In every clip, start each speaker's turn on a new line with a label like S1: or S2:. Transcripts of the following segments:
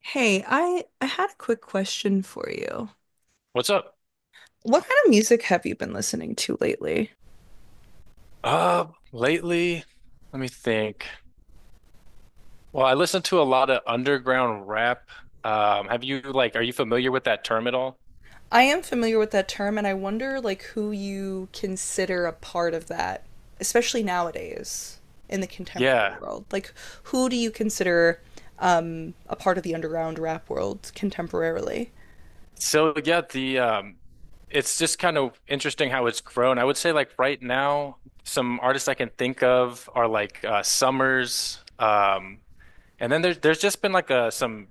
S1: Hey, I had a quick question for you.
S2: What's up?
S1: What kind of music have you been listening to lately?
S2: Lately, let me think. Well, I listen to a lot of underground rap. Have you like, are you familiar with that term at all?
S1: I am familiar with that term, and I wonder like who you consider a part of that, especially nowadays in the contemporary
S2: Yeah.
S1: world. Like, who do you consider a part of the underground rap world contemporarily?
S2: So yeah, the it's just kind of interesting how it's grown. I would say like right now, some artists I can think of are like Summers, and then there's just been like some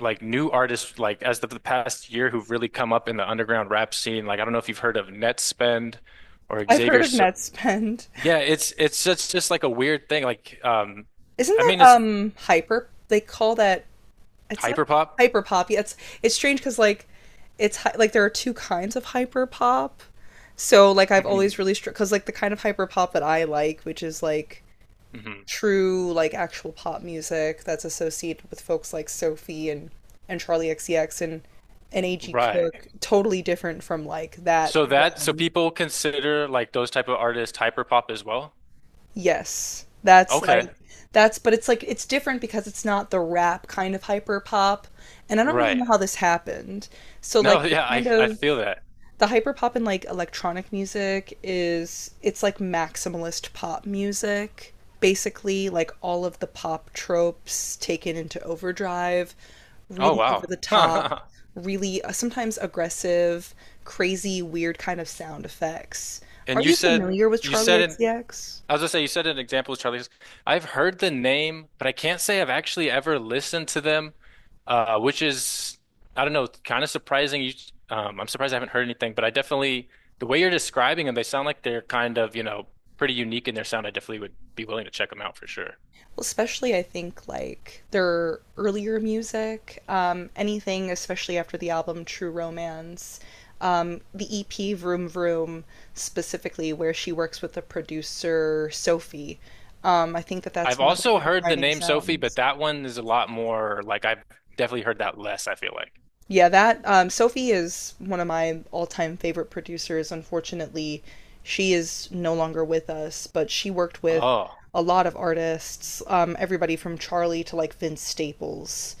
S2: like new artists like as of the past year who've really come up in the underground rap scene. Like I don't know if you've heard of Netspend or
S1: I've heard
S2: Xavier.
S1: of
S2: So
S1: Netspend.
S2: yeah, it's just like a weird thing. Like,
S1: Isn't
S2: I
S1: that
S2: mean, it's
S1: hyper? They call that it's not
S2: hyperpop.
S1: hyper pop. Yeah, it's strange because like like there are two kinds of hyper pop. So like I've always
S2: Mhm,
S1: really str because like the kind of hyper pop that I like, which is like
S2: mhm.
S1: true like actual pop music that's associated with folks like Sophie and Charlie XCX and A.G.
S2: Right.
S1: Cook, totally different from like that.
S2: So that so people consider like those type of artists hyperpop as well.
S1: Yes,
S2: Okay.
S1: that's, but it's like it's different because it's not the rap kind of hyper pop, and I don't really know
S2: Right.
S1: how this happened. So
S2: No.
S1: like the
S2: Yeah. I
S1: kind
S2: I
S1: of
S2: feel that.
S1: the hyperpop and like electronic music is it's like maximalist pop music. Basically, like all of the pop tropes taken into overdrive,
S2: Oh
S1: really over
S2: wow.
S1: the top, really sometimes aggressive, crazy, weird kind of sound effects.
S2: And
S1: Are you familiar with
S2: you
S1: Charlie
S2: said in
S1: XCX?
S2: I was gonna say, you said an example is Charlie. I've heard the name, but I can't say I've actually ever listened to them, which is, I don't know, kind of surprising. I'm surprised I haven't heard anything, but I definitely, the way you're describing them, they sound like they're kind of, you know, pretty unique in their sound. I definitely would be willing to check them out for sure.
S1: Especially I think like their earlier music, anything especially after the album True Romance, the EP Vroom Vroom, specifically where she works with the producer Sophie. I think that that's
S2: I've
S1: one of like
S2: also
S1: the
S2: heard the
S1: defining
S2: name Sophie, but
S1: sounds.
S2: that one is a lot more like I've definitely heard that less, I feel like.
S1: Yeah, that Sophie is one of my all-time favorite producers. Unfortunately, she is no longer with us, but she worked with
S2: Oh,
S1: a lot of artists, everybody from Charlie to like Vince Staples.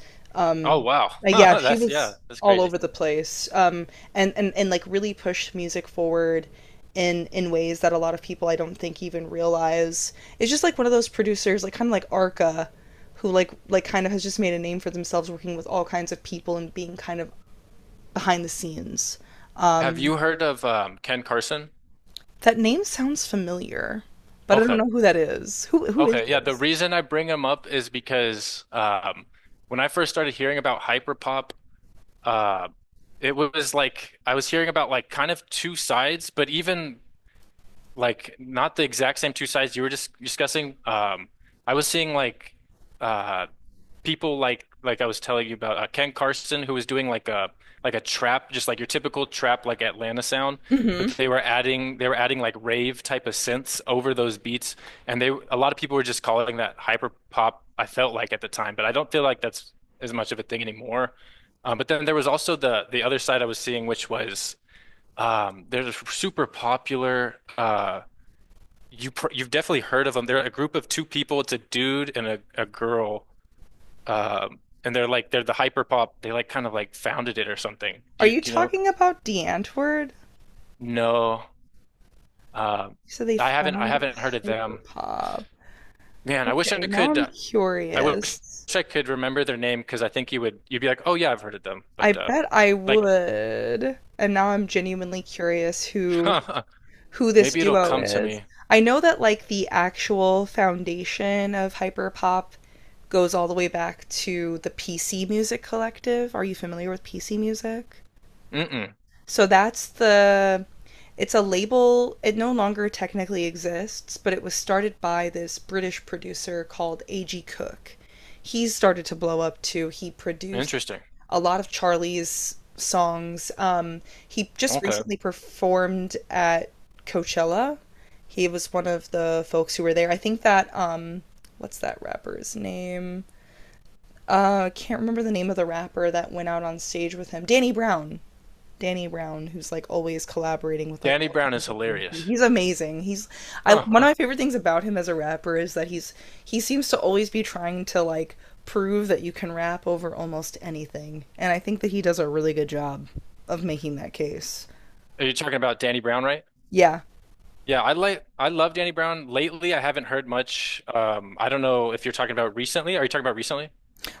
S2: oh wow.
S1: Yeah, she
S2: That's, yeah,
S1: was
S2: that's
S1: all
S2: crazy.
S1: over the place, and like really pushed music forward in ways that a lot of people I don't think even realize. It's just like one of those producers, like kind of like Arca, who like kind of has just made a name for themselves working with all kinds of people and being kind of behind the scenes.
S2: Have
S1: Um,
S2: you heard of Ken Carson?
S1: that name sounds familiar, but I don't
S2: Okay.
S1: know who that is. Who is
S2: Okay, yeah, the
S1: this?
S2: reason I bring them up is because when I first started hearing about hyperpop, uh, it was like I was hearing about like kind of two sides, but even like not the exact same two sides you were just discussing. I was seeing like uh, people like I was telling you about Ken Carson who was doing like a trap just like your typical trap like Atlanta sound, but
S1: Mm-hmm.
S2: they were adding like rave type of synths over those beats, and they a lot of people were just calling that hyper pop I felt like at the time, but I don't feel like that's as much of a thing anymore. But then there was also the other side I was seeing which was they're super popular. You've definitely heard of them. They're a group of two people. It's a dude and a girl, and they're like they're the hyper pop. They like kind of like founded it or something. Do
S1: Are
S2: you
S1: you
S2: do you know?
S1: talking about DeAntword?
S2: No, um,
S1: You said they
S2: I haven't I
S1: founded
S2: haven't heard of them.
S1: Hyperpop.
S2: Man, I wish I
S1: Okay, now
S2: could.
S1: I'm
S2: I wish
S1: curious.
S2: I could remember their name because I think you would you'd be like, oh yeah, I've heard of them.
S1: I
S2: But
S1: bet I
S2: like
S1: would. And now I'm genuinely curious who who this
S2: maybe it'll
S1: duo
S2: come to
S1: is.
S2: me.
S1: I know that like the actual foundation of hyperpop goes all the way back to the PC Music Collective. Are you familiar with PC Music?
S2: Mm-mm.
S1: So that's the it's a label. It no longer technically exists, but it was started by this British producer called A.G. Cook. He's started to blow up too. He produced
S2: Interesting.
S1: a lot of Charlie's songs. He just
S2: Okay.
S1: recently performed at Coachella. He was one of the folks who were there. I think that What's that rapper's name? I can't remember the name of the rapper that went out on stage with him. Danny Brown. Danny Brown, who's like always collaborating with like
S2: Danny
S1: all
S2: Brown is
S1: kinds of weird people.
S2: hilarious.
S1: He's amazing. He's I
S2: Huh,
S1: one of
S2: huh.
S1: my favorite things about him as a rapper is that he seems to always be trying to like prove that you can rap over almost anything. And I think that he does a really good job of making that case.
S2: Are you talking about Danny Brown, right?
S1: Yeah.
S2: Yeah, I like I love Danny Brown. Lately, I haven't heard much. I don't know if you're talking about recently. Are you talking about recently?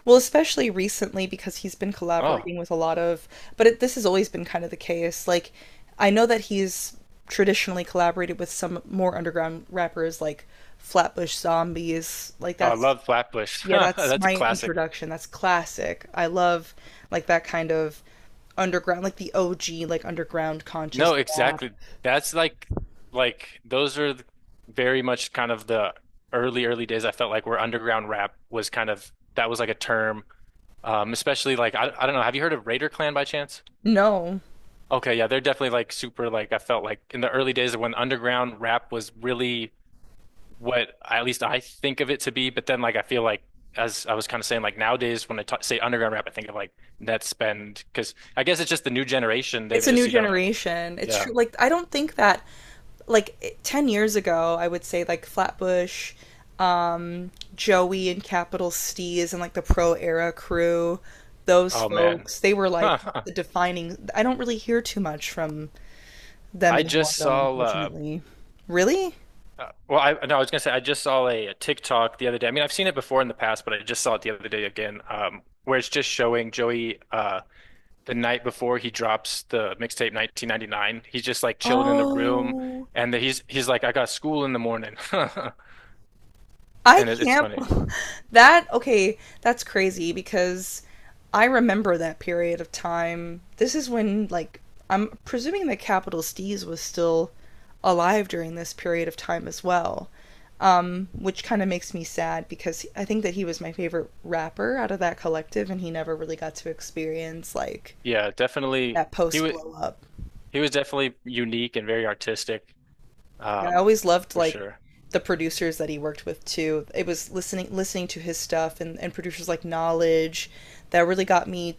S1: Well, especially recently because he's been
S2: Oh.
S1: collaborating with a lot of, this has always been kind of the case. Like, I know that he's traditionally collaborated with some more underground rappers like Flatbush Zombies. Like,
S2: Oh, I
S1: that's
S2: love Flatbush.
S1: yeah, that's
S2: That's a
S1: my
S2: classic.
S1: introduction. That's classic. I love like that kind of underground, like the OG, like underground conscious
S2: No,
S1: rap.
S2: exactly. That's like like those are th- very much kind of the early days I felt like where underground rap was kind of that was like a term. Especially like I don't know, have you heard of Raider Clan by chance?
S1: No,
S2: Okay, yeah, they're definitely like super like I felt like in the early days of when underground rap was really at least I think of it to be. But then, like, I feel like, as I was kind of saying, like nowadays when I t say underground rap, I think of like net spend because I guess it's just the new generation. They've
S1: it's a
S2: just,
S1: new
S2: you know,
S1: generation. It's true.
S2: yeah.
S1: Like I don't think that like 10 years ago, I would say like Flatbush, um, Joey and Capital Steez and like the Pro Era crew, those
S2: Oh man,
S1: folks, they were
S2: huh,
S1: like
S2: huh.
S1: the defining. I don't really hear too much from them
S2: I
S1: anymore,
S2: just
S1: though,
S2: saw.
S1: unfortunately. Really?
S2: Well, I no, I was gonna say I just saw a TikTok the other day. I mean, I've seen it before in the past, but I just saw it the other day again, where it's just showing Joey. The night before he drops the mixtape 1999, he's just like chilling in the room,
S1: Oh,
S2: and he's like, "I got school in the morning."
S1: I
S2: And it's
S1: can't.
S2: funny.
S1: Okay, that's crazy because I remember that period of time. This is when, like, I'm presuming that Capital Steez was still alive during this period of time as well, which kind of makes me sad because I think that he was my favorite rapper out of that collective and he never really got to experience, like,
S2: Yeah, definitely.
S1: that
S2: He
S1: post
S2: was
S1: blow up.
S2: definitely unique and very artistic,
S1: Yeah, I
S2: um,
S1: always loved
S2: for
S1: like
S2: sure.
S1: the producers that he worked with too. It was listening to his stuff, and producers like Knowledge, that really got me,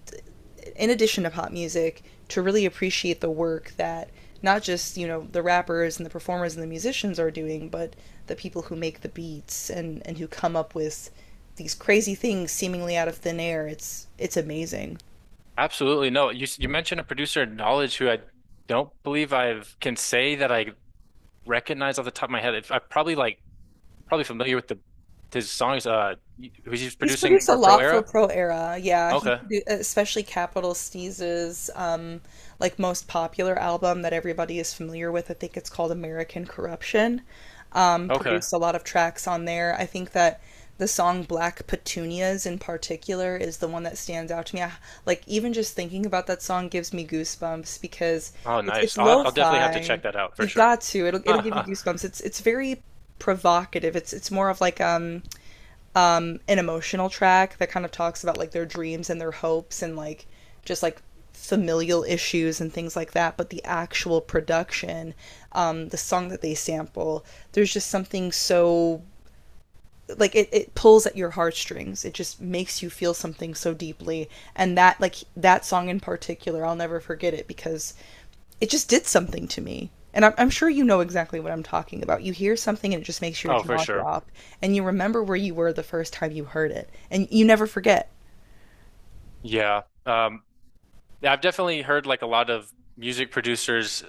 S1: in addition to pop music, to really appreciate the work that not just, you know, the rappers and the performers and the musicians are doing, but the people who make the beats and who come up with these crazy things seemingly out of thin air. It's amazing.
S2: Absolutely. No, you mentioned a producer in Knowledge who I don't believe I can say that I recognize off the top of my head. I'm probably like probably familiar with the his songs. Who's he's
S1: He's
S2: producing
S1: produced a
S2: for Pro
S1: lot for
S2: Era?
S1: Pro Era. Yeah, he
S2: Okay,
S1: produ especially Capital Sneezes, like most popular album that everybody is familiar with. I think it's called American Corruption. Um,
S2: okay.
S1: produced a lot of tracks on there. I think that the song Black Petunias in particular is the one that stands out to me. Like even just thinking about that song gives me goosebumps because
S2: Oh,
S1: it's
S2: nice. I'll definitely have to check
S1: lo-fi.
S2: that out for
S1: You've
S2: sure.
S1: got to. It'll it'll give you goosebumps. It's very provocative. It's more of like an emotional track that kind of talks about like their dreams and their hopes and like just like familial issues and things like that, but the actual production, the song that they sample, there's just something so like it pulls at your heartstrings, it just makes you feel something so deeply. And that like that song in particular I'll never forget it because it just did something to me. And I'm sure you know exactly what I'm talking about. You hear something and it just makes your
S2: Oh, for
S1: jaw
S2: sure.
S1: drop, and you remember where you were the first time you heard it, and you never forget.
S2: Yeah. Yeah, I've definitely heard like a lot of music producers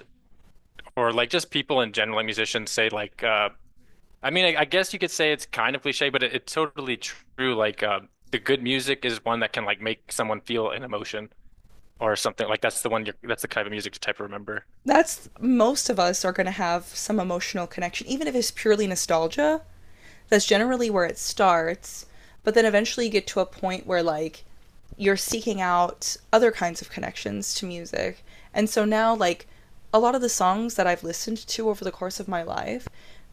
S2: or like just people in general, like musicians say like I guess you could say it's kind of cliche, but it's totally true. The good music is one that can like make someone feel an emotion or something. Like that's the one you're that's the kind of music to type of remember.
S1: That's most of us are going to have some emotional connection, even if it's purely nostalgia. That's generally where it starts. But then eventually you get to a point where, like, you're seeking out other kinds of connections to music. And so now, like, a lot of the songs that I've listened to over the course of my life,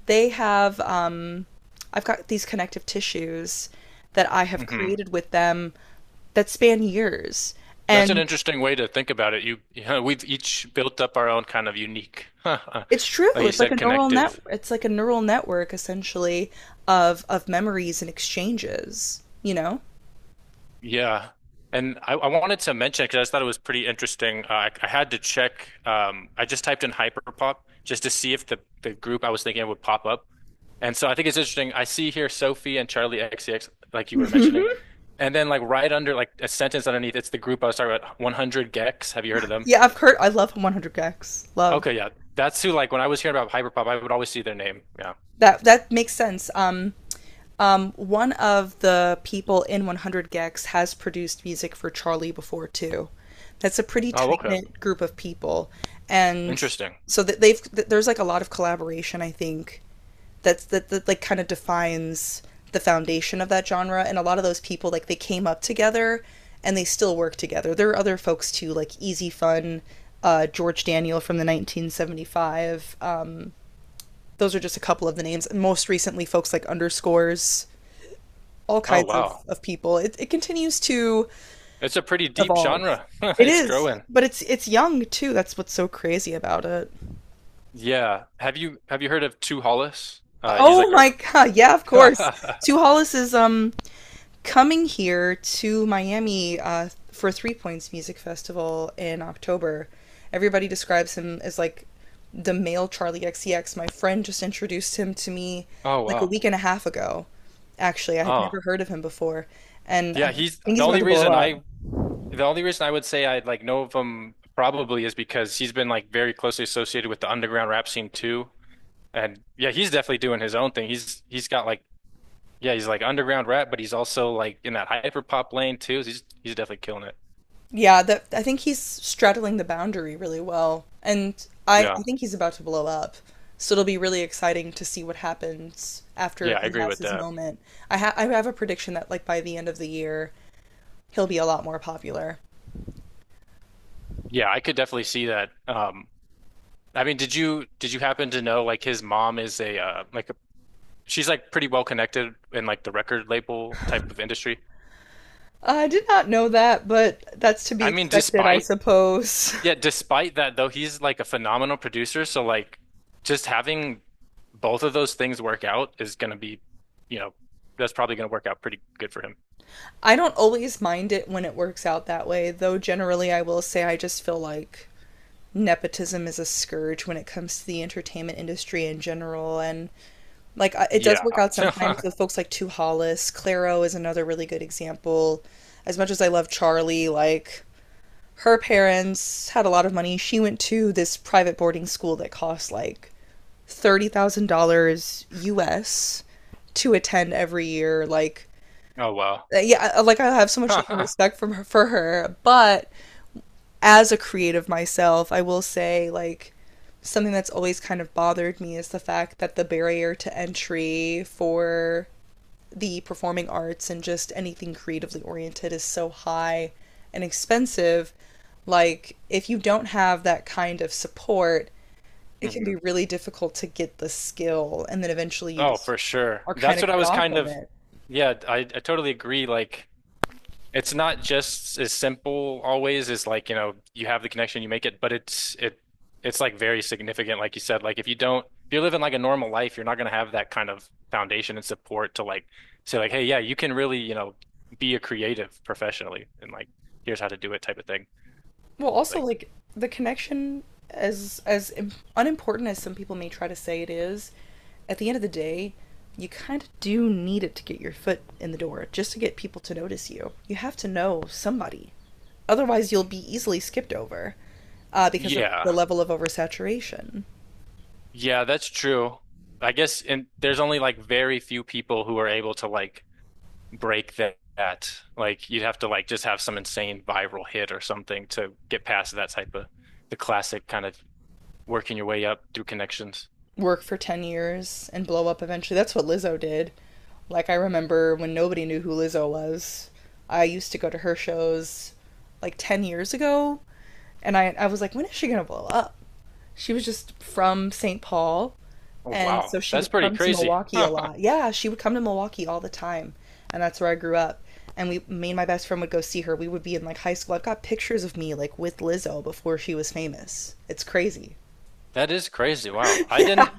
S1: they have, um, I've got these connective tissues that I have
S2: Hmm.
S1: created with them that span years.
S2: That's an
S1: And
S2: interesting way to think about it. You, you know, we've each built up our own kind of unique, like
S1: it's true.
S2: you
S1: It's like a
S2: said,
S1: neural net.
S2: connective.
S1: It's like a neural network essentially of memories and exchanges. You know.
S2: Yeah. And I wanted to mention because I just thought it was pretty interesting. I had to check. I just typed in hyperpop just to see if the group I was thinking of would pop up. And so I think it's interesting. I see here Sophie and Charlie XCX, like you were mentioning. And then like right under like a sentence underneath, it's the group I was talking about, 100 Gex. Have you heard of them?
S1: Yeah, I've heard. I love 100 Gex. Love
S2: Okay, yeah. That's who like when I was hearing about hyperpop, I would always see their name. Yeah.
S1: that. That makes sense. One of the people in 100 Gex has produced music for Charlie before too. That's a pretty
S2: Oh,
S1: tight
S2: okay.
S1: knit group of people, and
S2: Interesting.
S1: so there's like a lot of collaboration. I think that like kind of defines the foundation of that genre. And a lot of those people like they came up together, and they still work together. There are other folks too, like Easy Fun, George Daniel from the 1975. Those are just a couple of the names. And most recently, folks like underscores, all
S2: Oh,
S1: kinds of,
S2: wow.
S1: of people. It continues to
S2: It's a pretty deep
S1: evolve.
S2: genre.
S1: It
S2: It's
S1: is,
S2: growing.
S1: but it's young too. That's what's so crazy about it.
S2: Yeah. Have you heard of Two Hollis? He's
S1: Oh
S2: like a
S1: my god! Yeah, of course. Sue Hollis is coming here to Miami for Three Points Music Festival in October. Everybody describes him as like the male Charlie XCX. My friend just introduced him to me
S2: oh
S1: like a
S2: wow.
S1: week and a half ago. Actually, I had
S2: Oh.
S1: never heard of him before, and I
S2: Yeah, he's
S1: think
S2: the
S1: he's about
S2: only
S1: to blow
S2: reason
S1: up.
S2: I would say I like know of him probably is because he's been like very closely associated with the underground rap scene too. And yeah, he's definitely doing his own thing. He's got like yeah, he's like underground rap, but he's also like in that hyper pop lane too. He's definitely killing it.
S1: Yeah, that I think he's straddling the boundary really well. And I
S2: Yeah.
S1: think he's about to blow up. So it'll be really exciting to see what happens after
S2: Yeah, I
S1: he
S2: agree
S1: has
S2: with
S1: his
S2: that.
S1: moment. I have a prediction that like by the end of the year, he'll be a lot more popular.
S2: Yeah, I could definitely see that. I mean, did you happen to know like his mom is a like she's like pretty well connected in like the record label type of industry.
S1: I did not know that, but that's to be
S2: I mean,
S1: expected, I
S2: despite
S1: suppose.
S2: yeah, despite that though, he's like a phenomenal producer. So like, just having both of those things work out is gonna be, you know, that's probably gonna work out pretty good for him.
S1: I don't always mind it when it works out that way, though generally I will say I just feel like nepotism is a scourge when it comes to the entertainment industry in general, and it does work
S2: Yeah.
S1: out sometimes with folks like Tu Hollis. Claro is another really good example. As much as I love Charlie, like her parents had a lot of money. She went to this private boarding school that costs like $30,000 US to attend every year. Like
S2: Oh wow.
S1: yeah, like I have so much love and respect from her, for her, but as a creative myself, I will say like something that's always kind of bothered me is the fact that the barrier to entry for the performing arts and just anything creatively oriented is so high and expensive, like if you don't have that kind of support, it can be
S2: Mhm.
S1: really difficult to get the skill, and then eventually you
S2: Oh,
S1: just
S2: for sure.
S1: are kind
S2: That's
S1: of
S2: what I
S1: cut
S2: was
S1: off
S2: kind
S1: from
S2: of.
S1: it.
S2: Yeah, I totally agree. Like. It's not just as simple always as like, you know, you have the connection, you make it, but it's like very significant, like you said. Like if you don't if you're living like a normal life, you're not gonna have that kind of foundation and support to like say like, hey, yeah, you can really, you know, be a creative professionally and like here's how to do it type of thing.
S1: Well, also
S2: Like,
S1: like the connection, as unimportant as some people may try to say it is, at the end of the day, you kind of do need it to get your foot in the door, just to get people to notice you. You have to know somebody, otherwise you'll be easily skipped over, because of
S2: yeah.
S1: the level of oversaturation.
S2: Yeah, that's true. I guess and there's only like very few people who are able to like break that, like you'd have to like just have some insane viral hit or something to get past that type of the classic kind of working your way up through connections.
S1: Work for 10 years and blow up eventually. That's what Lizzo did. Like I remember when nobody knew who Lizzo was. I used to go to her shows like 10 years ago. And I was like, when is she going to blow up? She was just from St. Paul.
S2: Oh
S1: And so
S2: wow,
S1: she
S2: that's
S1: would
S2: pretty
S1: come to
S2: crazy.
S1: Milwaukee a lot. Yeah, she would come to Milwaukee all the time. And that's where I grew up. And me and my best friend would go see her. We would be in like high school. I've got pictures of me like with Lizzo before she was famous. It's crazy.
S2: That is crazy. Wow.
S1: Yeah.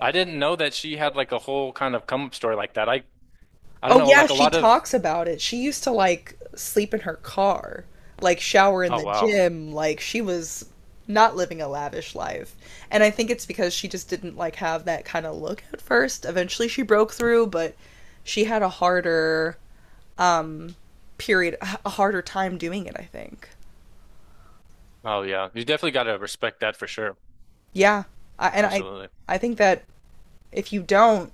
S2: I didn't know that she had like a whole kind of come up story like that. I don't
S1: Oh
S2: know,
S1: yeah,
S2: like a
S1: she
S2: lot of
S1: talks about it. She used to like sleep in her car, like shower in
S2: oh
S1: the
S2: wow.
S1: gym, like she was not living a lavish life. And I think it's because she just didn't like have that kind of look at first. Eventually she broke through, but she had a harder um period, a harder time doing it, I think.
S2: Oh yeah. You definitely got to respect that for sure.
S1: Yeah. I, and I
S2: Absolutely.
S1: I think that if you don't,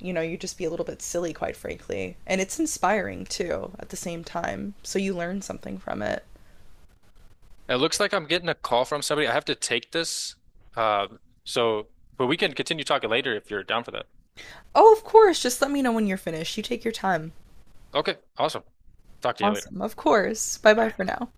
S1: you know, you just be a little bit silly quite frankly. And it's inspiring too at the same time. So you learn something from it.
S2: It looks like I'm getting a call from somebody. I have to take this. Uh, so but we can continue talking later if you're down for that.
S1: Oh, of course. Just let me know when you're finished. You take your time.
S2: Okay, awesome. Talk to you later.
S1: Awesome. Of course. Bye bye
S2: Bye.
S1: for now.